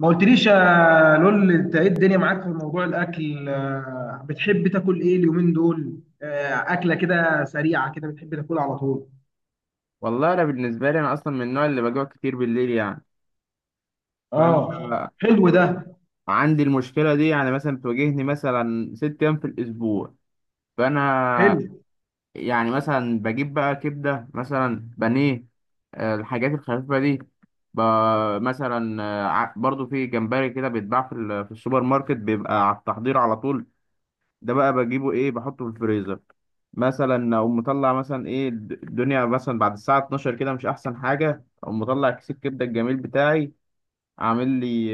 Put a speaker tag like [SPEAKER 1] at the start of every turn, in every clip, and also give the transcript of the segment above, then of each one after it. [SPEAKER 1] ما قلتليش يا لول، انت ايه الدنيا معاك في موضوع الاكل؟ بتحب تاكل ايه اليومين دول؟ اكله كده سريعه كده بتحب تاكلها على طول؟
[SPEAKER 2] والله انا بالنسبه لي انا اصلا من النوع اللي بجوع كتير بالليل يعني، فانا
[SPEAKER 1] اه، حلو ده.
[SPEAKER 2] عندي المشكله دي يعني مثلا بتواجهني مثلا 6 ايام في الاسبوع. فانا
[SPEAKER 1] حلو
[SPEAKER 2] يعني مثلا بجيب بقى كبده مثلا بانيه، الحاجات الخفيفه دي، ب- مثلا برضو في جمبري كده بيتباع في السوبر ماركت بيبقى على التحضير على طول. ده بقى بجيبه ايه، بحطه في الفريزر مثلا. او مطلع مثلا ايه الدنيا مثلا بعد الساعه 12 كده مش احسن حاجه، او مطلع كيس الكبده الجميل بتاعي عامل لي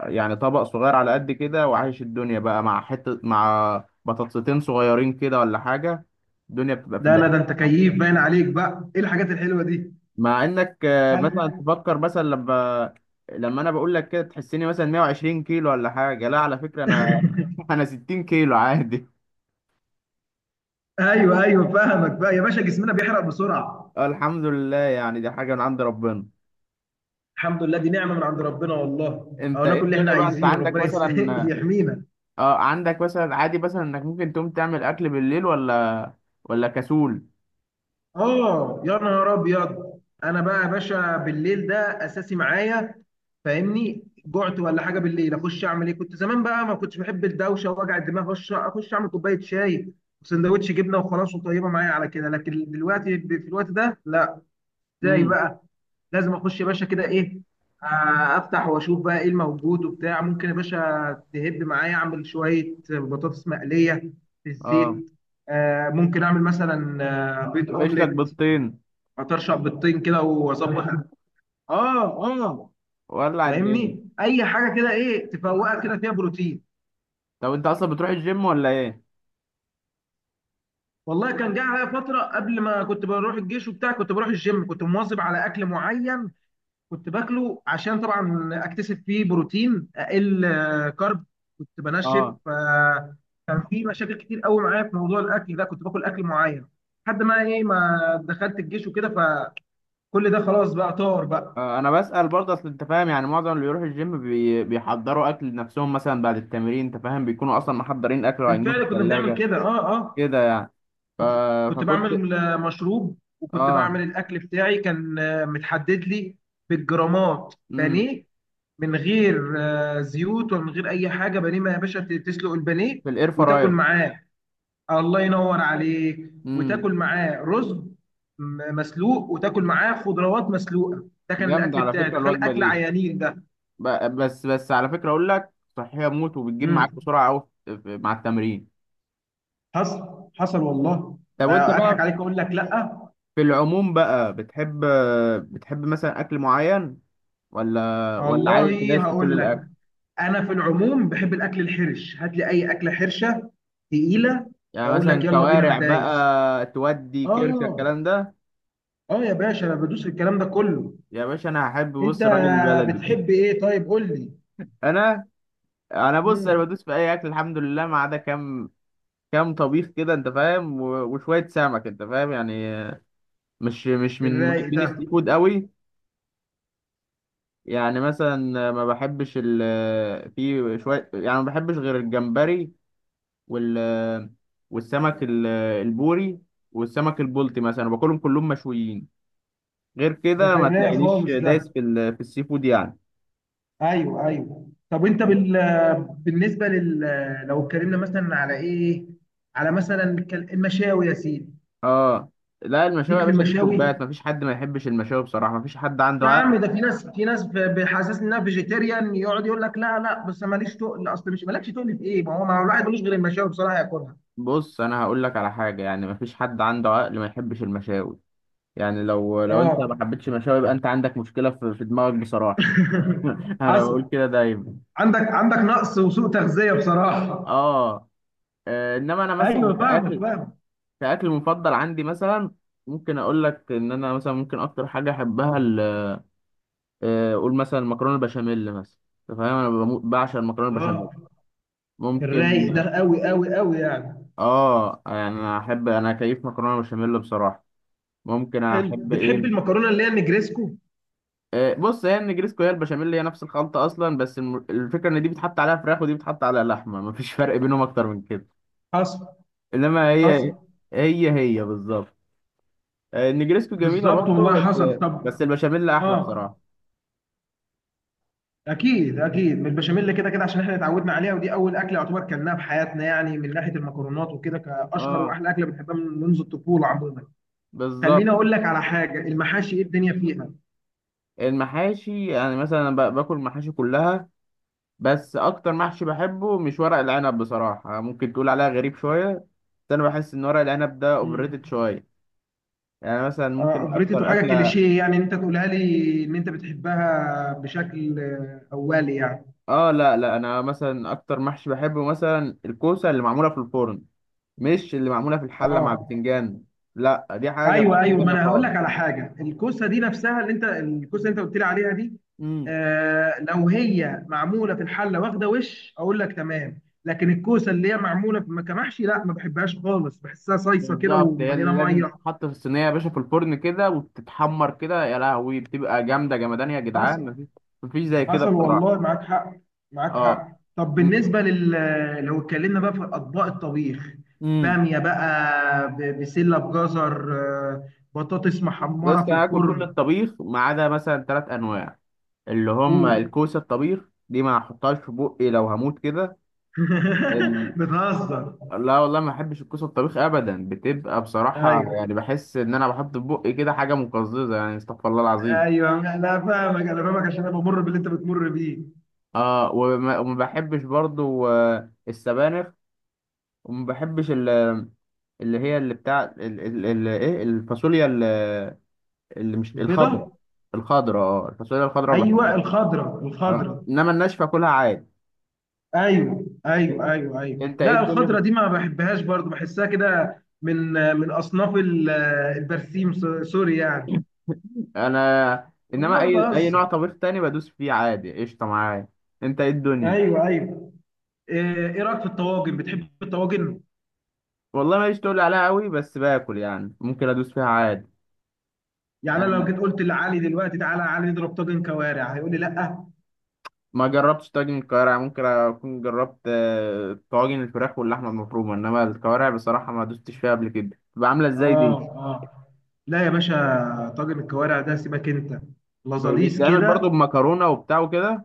[SPEAKER 2] يعني طبق صغير على قد كده، وعايش الدنيا بقى مع حته مع بطاطستين صغيرين كده ولا حاجه. الدنيا بتبقى في
[SPEAKER 1] لا،
[SPEAKER 2] اللذيذ.
[SPEAKER 1] ده انت كيف باين عليك بقى، ايه الحاجات الحلوه دي؟
[SPEAKER 2] مع انك
[SPEAKER 1] خل...
[SPEAKER 2] مثلا تفكر مثلا لما انا بقول لك كده تحسني مثلا 120 كيلو ولا حاجه، لا على فكره انا انا 60 كيلو عادي.
[SPEAKER 1] ايوه ايوه، فاهمك بقى يا باشا، جسمنا بيحرق بسرعه.
[SPEAKER 2] اه الحمد لله، يعني دي حاجة من عند ربنا.
[SPEAKER 1] الحمد لله، دي نعمه من عند ربنا، والله او
[SPEAKER 2] انت
[SPEAKER 1] ناكل
[SPEAKER 2] ايه
[SPEAKER 1] اللي احنا
[SPEAKER 2] الدنيا بقى؟ انت
[SPEAKER 1] عايزينه
[SPEAKER 2] عندك
[SPEAKER 1] ربنا
[SPEAKER 2] مثلا
[SPEAKER 1] يحمينا.
[SPEAKER 2] اه عندك مثلا عادي مثلا انك ممكن تقوم تعمل اكل بالليل ولا كسول؟
[SPEAKER 1] اه يا نهار ابيض، انا بقى يا باشا بالليل ده اساسي معايا. فاهمني، جعت ولا حاجه بالليل اخش اعمل ايه؟ كنت زمان بقى ما كنتش بحب الدوشه ووجع الدماغ، اخش اعمل كوبايه شاي وسندوتش جبنه وخلاص، وطيبه معايا على كده. لكن دلوقتي في الوقت ده لا. ازاي
[SPEAKER 2] امم
[SPEAKER 1] بقى؟ لازم اخش يا باشا كده، ايه؟ افتح واشوف بقى ايه الموجود وبتاع، ممكن يا باشا تهب معايا اعمل شويه بطاطس مقليه في
[SPEAKER 2] اه.
[SPEAKER 1] الزيت. ممكن اعمل مثلا بيض
[SPEAKER 2] يفقش لك
[SPEAKER 1] اومليت،
[SPEAKER 2] بيضتين.
[SPEAKER 1] اطرشق بيضتين كده واظبط. اه اه،
[SPEAKER 2] ولع الدنيا.
[SPEAKER 1] فاهمني اي حاجه كده، ايه تفوقك كده فيها بروتين.
[SPEAKER 2] طب انت اصلا بتروح الجيم ولا ايه؟
[SPEAKER 1] والله كان جه عليا فتره قبل، ما كنت بروح الجيش وبتاع، كنت بروح الجيم، كنت مواظب على اكل معين. كنت باكله عشان طبعا اكتسب فيه بروتين، اقل كارب. كنت بنشف.
[SPEAKER 2] اه
[SPEAKER 1] كان في مشاكل كتير قوي معايا في موضوع الاكل ده، كنت باكل اكل معين لحد ما ايه، ما دخلت الجيش وكده، فكل ده خلاص بقى طار بقى.
[SPEAKER 2] اه، انا بسأل برضه، اصل انت فاهم يعني معظم اللي بيروح الجيم بيحضروا اكل لنفسهم مثلا بعد التمرين. انت فاهم بيكونوا اصلا محضرين اكل وعينوه في
[SPEAKER 1] بالفعل كنا بنعمل
[SPEAKER 2] الثلاجة
[SPEAKER 1] كده، اه اه.
[SPEAKER 2] كده يعني. ف...
[SPEAKER 1] كنت
[SPEAKER 2] فكنت
[SPEAKER 1] بعمل مشروب، وكنت
[SPEAKER 2] اه
[SPEAKER 1] بعمل الاكل بتاعي، كان متحدد لي بالجرامات
[SPEAKER 2] امم
[SPEAKER 1] بانيه، من غير زيوت ومن غير اي حاجه. بانيه ما يا باشا تسلق البانيه
[SPEAKER 2] في الاير
[SPEAKER 1] وتاكل
[SPEAKER 2] فراير.
[SPEAKER 1] معاه. الله ينور عليك،
[SPEAKER 2] امم
[SPEAKER 1] وتاكل معاه رز مسلوق، وتاكل معاه خضروات مسلوقه. ده كان
[SPEAKER 2] جامدة
[SPEAKER 1] الاكل
[SPEAKER 2] على
[SPEAKER 1] بتاعي،
[SPEAKER 2] فكرة
[SPEAKER 1] تخيل
[SPEAKER 2] الوجبة
[SPEAKER 1] اكل
[SPEAKER 2] دي.
[SPEAKER 1] عيانين ده.
[SPEAKER 2] بس على فكرة أقول لك، صحية موت وبتجيب معاك
[SPEAKER 1] امم
[SPEAKER 2] بسرعة أوي مع التمرين.
[SPEAKER 1] حصل حصل والله.
[SPEAKER 2] طب وأنت
[SPEAKER 1] اضحك
[SPEAKER 2] بقى
[SPEAKER 1] عليك اقول لك لا.
[SPEAKER 2] في العموم بقى بتحب مثلا أكل معين ولا عادي؟ أنت
[SPEAKER 1] والله
[SPEAKER 2] دايس في كل
[SPEAKER 1] هقول لك،
[SPEAKER 2] الأكل؟
[SPEAKER 1] انا في العموم بحب الاكل الحرش، هات لي اي اكله حرشه تقيله،
[SPEAKER 2] يعني
[SPEAKER 1] اقول
[SPEAKER 2] مثلا
[SPEAKER 1] لك يلا بينا، انا
[SPEAKER 2] كوارع
[SPEAKER 1] دايس.
[SPEAKER 2] بقى تودي كرشة
[SPEAKER 1] اه
[SPEAKER 2] الكلام ده؟
[SPEAKER 1] اه يا باشا، انا بدوس في الكلام ده كله.
[SPEAKER 2] يا باشا أنا هحب
[SPEAKER 1] انت
[SPEAKER 2] بص الراجل البلدي.
[SPEAKER 1] بتحب ايه؟ طيب قول لي.
[SPEAKER 2] أنا أنا بص، أنا
[SPEAKER 1] امم
[SPEAKER 2] بدوس في أي أكل الحمد لله، ما عدا كام طبيخ كده أنت فاهم، وشوية سمك أنت فاهم يعني. مش من
[SPEAKER 1] الرايق
[SPEAKER 2] محبين
[SPEAKER 1] ده،
[SPEAKER 2] السي فود قوي، يعني مثلا ما بحبش في شوية، يعني ما بحبش غير الجمبري وال والسمك البوري والسمك البلطي مثلا، باكلهم كلهم مشويين. غير
[SPEAKER 1] ده
[SPEAKER 2] كده
[SPEAKER 1] في
[SPEAKER 2] ما
[SPEAKER 1] الرايق
[SPEAKER 2] تلاقينيش
[SPEAKER 1] خالص ده.
[SPEAKER 2] دايس في السي فود يعني.
[SPEAKER 1] ايوه ايوه. طب انت بالنسبه لل، لو اتكلمنا مثلا على ايه، على مثلا المشاوي يا سيدي.
[SPEAKER 2] اه. لا المشاوي
[SPEAKER 1] ليك
[SPEAKER 2] يا
[SPEAKER 1] في
[SPEAKER 2] باشا دي توبات،
[SPEAKER 1] المشاوي
[SPEAKER 2] مفيش حد ما يحبش المشاوي بصراحة، مفيش حد عنده
[SPEAKER 1] يا
[SPEAKER 2] عقل.
[SPEAKER 1] عم؟ ده في ناس، بيحسسني انها فيجيتيريان، يقعد يقول لك لا لا بس ماليش تقل، اصل مش مالكش تقل في ايه؟ ما هو، الواحد ملوش غير المشاوي بصراحه ياكلها.
[SPEAKER 2] بص انا هقول لك على حاجة، يعني مفيش حد عنده عقل ما يحبش المشاوي، يعني لو انت ما
[SPEAKER 1] اه
[SPEAKER 2] حبيتش المشاوي يبقى انت عندك مشكلة في دماغك بصراحة. انا
[SPEAKER 1] حصل.
[SPEAKER 2] بقول كده دايما.
[SPEAKER 1] عندك نقص وسوء تغذيه
[SPEAKER 2] اه
[SPEAKER 1] بصراحه.
[SPEAKER 2] انما انا مثلا
[SPEAKER 1] ايوه فاهمك،
[SPEAKER 2] كاكل،
[SPEAKER 1] فاهم.
[SPEAKER 2] مفضل عندي مثلا، ممكن اقول لك ان انا مثلا ممكن اكتر حاجه احبها اقول مثلا مكرونه البشاميل مثلا. انت فاهم، انا بعشق المكرونه البشاميل.
[SPEAKER 1] اه
[SPEAKER 2] ممكن
[SPEAKER 1] الرايق ده قوي قوي قوي يعني.
[SPEAKER 2] اه يعني انا احب، انا كيف مكرونه بشاميل بصراحه. ممكن
[SPEAKER 1] حلو،
[SPEAKER 2] احب
[SPEAKER 1] بتحب
[SPEAKER 2] ايه؟
[SPEAKER 1] المكرونه اللي هي نجريسكو؟
[SPEAKER 2] بص، هي النجريسكو هي البشاميل، هي نفس الخلطه اصلا، بس الفكره ان دي بتحط عليها فراخ ودي بتحط عليها لحمه، مفيش فرق بينهم اكتر من كده.
[SPEAKER 1] حصل
[SPEAKER 2] انما
[SPEAKER 1] حصل.
[SPEAKER 2] هي هي هي بالظبط. النجريسكو جميلة
[SPEAKER 1] بالظبط
[SPEAKER 2] برضه
[SPEAKER 1] والله،
[SPEAKER 2] بس،
[SPEAKER 1] حصل طب.
[SPEAKER 2] بس البشاميل أحلى
[SPEAKER 1] اه،
[SPEAKER 2] بصراحة.
[SPEAKER 1] اكيد اكيد من البشاميل كده كده، عشان احنا اتعودنا عليها، ودي اول اكله يعتبر كلناها في حياتنا يعني، من ناحيه المكرونات وكده، كاشهر
[SPEAKER 2] اه،
[SPEAKER 1] واحلى اكله بنحبها من منذ الطفوله عموما. خليني
[SPEAKER 2] بالظبط.
[SPEAKER 1] اقول لك على حاجه، المحاشي ايه الدنيا فيها؟
[SPEAKER 2] المحاشي يعني مثلا، أنا باكل المحاشي كلها. بس أكتر محشي بحبه مش ورق العنب بصراحة، ممكن تقول عليها غريب شوية. بس أنا بحس إن ورق العنب ده أوفر
[SPEAKER 1] مم.
[SPEAKER 2] ريتد شوية. يعني مثلا ممكن
[SPEAKER 1] افريتو
[SPEAKER 2] أكتر
[SPEAKER 1] حاجه
[SPEAKER 2] أكلة
[SPEAKER 1] كليشيه يعني، إن انت تقولها لي ان انت بتحبها بشكل اولي يعني.
[SPEAKER 2] اه، لا أنا مثلا أكتر محشي بحبه مثلا الكوسة اللي معمولة في الفرن، مش اللي معمولة في الحلة مع
[SPEAKER 1] اه،
[SPEAKER 2] البتنجان. لا، دي حاجة ودي
[SPEAKER 1] ايوه
[SPEAKER 2] حاجة
[SPEAKER 1] ايوه، ما
[SPEAKER 2] تانية
[SPEAKER 1] انا هقول
[SPEAKER 2] خالص.
[SPEAKER 1] لك على حاجه، الكوسه دي نفسها اللي انت، الكوسه اللي انت قلت لي عليها دي. آه لو هي معموله في الحله واخده وش اقول لك تمام، لكن الكوسه اللي هي معموله في كمحشي لا، ما بحبهاش خالص، بحسها صيصه كده
[SPEAKER 2] بالظبط، هي اللي
[SPEAKER 1] ومليانه
[SPEAKER 2] لازم
[SPEAKER 1] ميه.
[SPEAKER 2] تتحط في الصينيه يا باشا في الفرن كده وتتحمر كده. يا لهوي بتبقى جامده جمدان يا جدعان،
[SPEAKER 1] حصل.
[SPEAKER 2] مفيش زي كده
[SPEAKER 1] حصل
[SPEAKER 2] بصراحه.
[SPEAKER 1] والله، معاك حق، معاك
[SPEAKER 2] اه.
[SPEAKER 1] حق. طب بالنسبه لل، لو اتكلمنا بقى في اطباق الطبيخ،
[SPEAKER 2] امم
[SPEAKER 1] باميه بقى، بسله بجزر، بطاطس
[SPEAKER 2] بس
[SPEAKER 1] محمره في
[SPEAKER 2] كان هاكل كل
[SPEAKER 1] الفرن.
[SPEAKER 2] الطبيخ ما عدا مثلا 3 انواع، اللي هم
[SPEAKER 1] قول.
[SPEAKER 2] الكوسه الطبيخ دي ما احطهاش في بقي لو هموت كده. ال...
[SPEAKER 1] بتهزر.
[SPEAKER 2] لا والله ما احبش الكوسه الطبيخ ابدا، بتبقى بصراحه،
[SPEAKER 1] ايوه
[SPEAKER 2] يعني بحس ان انا بحط في بقي كده حاجه مقززه، يعني استغفر الله العظيم.
[SPEAKER 1] ايوه، لا فاهمك، انا فاهمك عشان انا بمر باللي انت بتمر بيه.
[SPEAKER 2] اه، وما بحبش برضو السبانخ. وما بحبش اللي هي اللي بتاع ايه الفاصوليا اللي مش الخضراء،
[SPEAKER 1] البيضه.
[SPEAKER 2] الخضراء. اه الفاصوليا الخضراء
[SPEAKER 1] ايوه
[SPEAKER 2] بحبها،
[SPEAKER 1] الخضره
[SPEAKER 2] اه.
[SPEAKER 1] الخضره.
[SPEAKER 2] انما الناشفه كلها عادي.
[SPEAKER 1] ايوه ايوه ايوه ايوه
[SPEAKER 2] انت ايه
[SPEAKER 1] لا،
[SPEAKER 2] الدنيا
[SPEAKER 1] الخضره دي ما بحبهاش برضو، بحسها كده من، اصناف البرسيم، سوري يعني.
[SPEAKER 2] انا، انما
[SPEAKER 1] والله ما
[SPEAKER 2] اي نوع
[SPEAKER 1] بهزر.
[SPEAKER 2] طبيخ تاني بدوس فيه عادي، قشطه معايا. انت ايه الدنيا.
[SPEAKER 1] ايوه ايوه. ايه، رايك في الطواجن؟ بتحب الطواجن؟
[SPEAKER 2] والله ماليش تقول عليها قوي، بس باكل يعني ممكن ادوس فيها عادي.
[SPEAKER 1] يعني انا لو
[SPEAKER 2] يعني
[SPEAKER 1] جيت قلت لعلي دلوقتي تعالى يا علي نضرب طاجن كوارع، هيقول لي لا.
[SPEAKER 2] ما جربتش طاجن الكوارع. ممكن اكون جربت طواجن الفراخ واللحمه المفرومه، انما الكوارع بصراحه ما دوستش فيها قبل كده. بتبقى عامله ازاي
[SPEAKER 1] اه
[SPEAKER 2] دي؟
[SPEAKER 1] اه، لا يا باشا، طاجن الكوارع ده سيبك انت، لازاليس
[SPEAKER 2] بيتعمل برضو
[SPEAKER 1] كده.
[SPEAKER 2] بمكرونه وبتاع وكده؟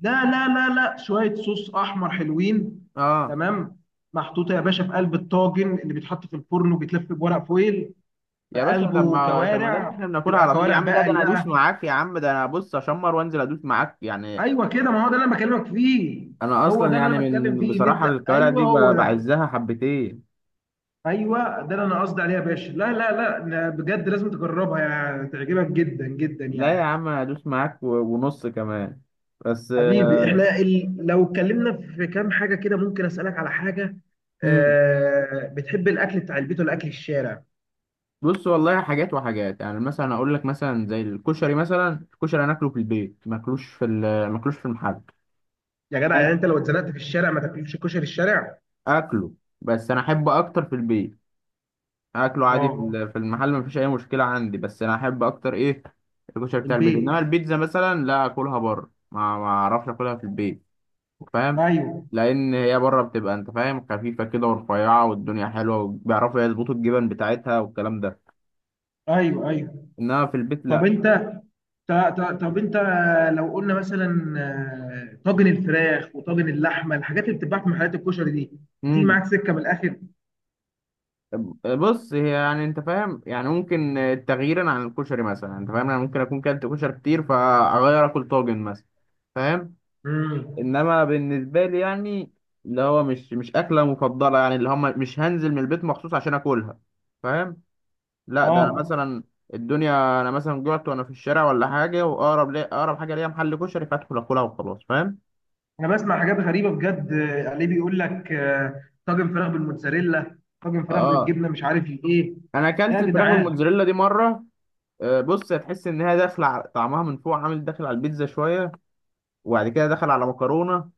[SPEAKER 1] لا لا لا لا، شوية صوص أحمر حلوين.
[SPEAKER 2] اه
[SPEAKER 1] تمام، محطوطة يا باشا في قلب الطاجن اللي بيتحط في الفرن وبيتلف بورق فويل. في
[SPEAKER 2] يا باشا، طب
[SPEAKER 1] قلبه
[SPEAKER 2] ما طب ما ده اللي
[SPEAKER 1] كوارع،
[SPEAKER 2] احنا بناكلها
[SPEAKER 1] بتبقى
[SPEAKER 2] على طول يا
[SPEAKER 1] كوارع
[SPEAKER 2] عم. لا ده
[SPEAKER 1] بقري
[SPEAKER 2] انا ادوس
[SPEAKER 1] بقى.
[SPEAKER 2] معاك يا عم، ده انا بص اشمر وانزل ادوس معاك يعني.
[SPEAKER 1] أيوه كده، ما هو ده اللي أنا بكلمك فيه،
[SPEAKER 2] انا
[SPEAKER 1] هو
[SPEAKER 2] اصلا
[SPEAKER 1] ده اللي
[SPEAKER 2] يعني
[SPEAKER 1] أنا بتكلم
[SPEAKER 2] من
[SPEAKER 1] فيه، إن
[SPEAKER 2] بصراحه
[SPEAKER 1] أنت
[SPEAKER 2] الكوارع
[SPEAKER 1] أيوه
[SPEAKER 2] دي
[SPEAKER 1] هو ده،
[SPEAKER 2] بعزها حبتين.
[SPEAKER 1] أيوه ده اللي أنا قصدي عليه يا باشا. لا لا لا لا، بجد لازم تجربها، يعني تعجبك جدا جدا
[SPEAKER 2] لا يا
[SPEAKER 1] يعني.
[SPEAKER 2] عم انا ادوس معاك ونص كمان. بس
[SPEAKER 1] حبيبي، احنا لو اتكلمنا في كام حاجة كده، ممكن اسألك على حاجة؟
[SPEAKER 2] مم.
[SPEAKER 1] بتحب الأكل بتاع البيت ولا أكل الشارع؟
[SPEAKER 2] بص والله حاجات وحاجات يعني، مثلا اقول لك مثلا زي الكشري مثلا. الكشري انا اكله في البيت، ماكلوش ماكلوش في المحل.
[SPEAKER 1] يا جدع، يعني
[SPEAKER 2] بس
[SPEAKER 1] أنت لو اتزنقت في الشارع ما تاكلش كشري الشارع؟
[SPEAKER 2] اكله. بس انا احبه اكتر في البيت. اكله عادي
[SPEAKER 1] اه،
[SPEAKER 2] في المحل، مفيش اي مشكله عندي، بس انا احب اكتر ايه الكشري بتاع البيت.
[SPEAKER 1] البيت.
[SPEAKER 2] انما البيتزا مثلا لا، اكلها بره، ما اعرفش اكلها في البيت فاهم.
[SPEAKER 1] ايوه
[SPEAKER 2] لان هي بره بتبقى انت فاهم خفيفه كده ورفيعه والدنيا حلوه وبيعرفوا يظبطوا الجبن بتاعتها والكلام ده،
[SPEAKER 1] ايوه ايوه.
[SPEAKER 2] انما في البيت
[SPEAKER 1] طب
[SPEAKER 2] لا.
[SPEAKER 1] انت ط- طب انت لو قلنا مثلا طاجن الفراخ وطاجن اللحمه، الحاجات اللي بتتباع في محلات الكشري دي، بتيجي
[SPEAKER 2] امم
[SPEAKER 1] معاك سكه من الاخر؟
[SPEAKER 2] بص هي يعني انت فاهم، يعني ممكن تغييرا عن الكشري مثلا انت فاهم، انا ممكن اكون كلت كشري كتير فاغير اكل طاجن مثلا، فاهم.
[SPEAKER 1] امم
[SPEAKER 2] انما بالنسبه لي يعني، اللي هو مش اكله مفضله يعني، اللي هم مش هنزل من البيت مخصوص عشان اكلها فاهم. لا ده انا
[SPEAKER 1] اه،
[SPEAKER 2] مثلا الدنيا، انا مثلا جعت وانا في الشارع ولا حاجه واقرب لي اقرب حاجه ليا محل كشري فادخل اكلها وخلاص فاهم.
[SPEAKER 1] انا بسمع حاجات غريبه بجد، عليه بيقول لك طاجن فراخ بالموتزاريلا، طاجن فراخ
[SPEAKER 2] اه
[SPEAKER 1] بالجبنه، مش عارف ايه.
[SPEAKER 2] انا اكلت
[SPEAKER 1] يا
[SPEAKER 2] الفراخ
[SPEAKER 1] جدعان
[SPEAKER 2] بالموتزاريلا دي مره. بص هتحس انها طعمها من فوق عامل داخل على البيتزا شويه، وبعد كده دخل على مكرونه،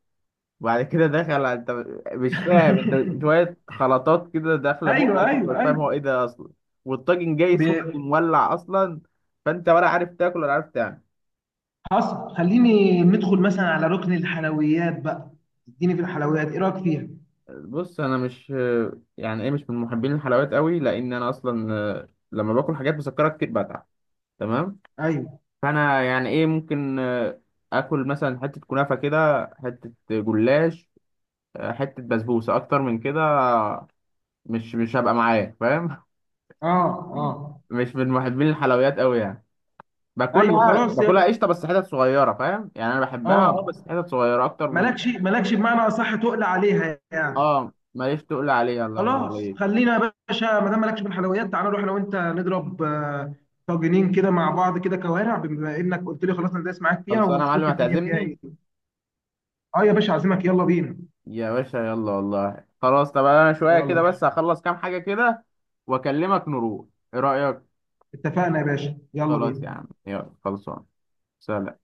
[SPEAKER 2] وبعد كده دخل، انت مش فاهم، انت شويه خلطات كده داخله بقك،
[SPEAKER 1] ايوه
[SPEAKER 2] انت
[SPEAKER 1] ايوه
[SPEAKER 2] مش فاهم
[SPEAKER 1] ايوه.
[SPEAKER 2] هو ايه ده اصلا. والطاجن جاي
[SPEAKER 1] ب-
[SPEAKER 2] سخن مولع اصلا، فانت ولا عارف تاكل ولا عارف تعمل.
[SPEAKER 1] حصل، خليني ندخل مثلا على ركن الحلويات بقى، اديني في الحلويات ايه رايك فيها؟
[SPEAKER 2] بص انا مش، يعني ايه، مش من محبين الحلويات قوي، لان انا اصلا لما باكل حاجات مسكره كتير بتعب، تمام.
[SPEAKER 1] ايوه.
[SPEAKER 2] فانا يعني ايه ممكن اكل مثلا حته كنافه كده، حته جلاش، حته بسبوسه، اكتر من كده مش هبقى معايا فاهم.
[SPEAKER 1] اه اه.
[SPEAKER 2] مش من محبين الحلويات قوي يعني.
[SPEAKER 1] ايوه
[SPEAKER 2] باكلها
[SPEAKER 1] خلاص يا،
[SPEAKER 2] قشطه بس حتت صغيره فاهم يعني. انا بحبها اه
[SPEAKER 1] اه،
[SPEAKER 2] بس حتت صغيره اكتر من،
[SPEAKER 1] مالكش بمعنى اصح، تقل عليها يعني.
[SPEAKER 2] اه ماليش تقول عليها. الله ينور
[SPEAKER 1] خلاص،
[SPEAKER 2] عليك.
[SPEAKER 1] خلينا يا باشا ما دام مالكش في الحلويات، تعالى نروح انا وانت نضرب طاجنين كده مع بعض كده كوارع، بما انك قلت لي خلاص انا دايس معاك فيها،
[SPEAKER 2] خلصانه يا معلم
[SPEAKER 1] ونشوف الدنيا فيها ايه.
[SPEAKER 2] هتعزمني؟
[SPEAKER 1] اه يا باشا، عازمك، يلا بينا.
[SPEAKER 2] يا باشا يلا والله خلاص. طب انا شويه
[SPEAKER 1] يلا.
[SPEAKER 2] كده بس هخلص كام حاجه كده واكلمك نروح. ايه رايك؟
[SPEAKER 1] اتفقنا يا باشا، يلا
[SPEAKER 2] خلاص
[SPEAKER 1] بينا.
[SPEAKER 2] يا عم يلا خلصان. سلام.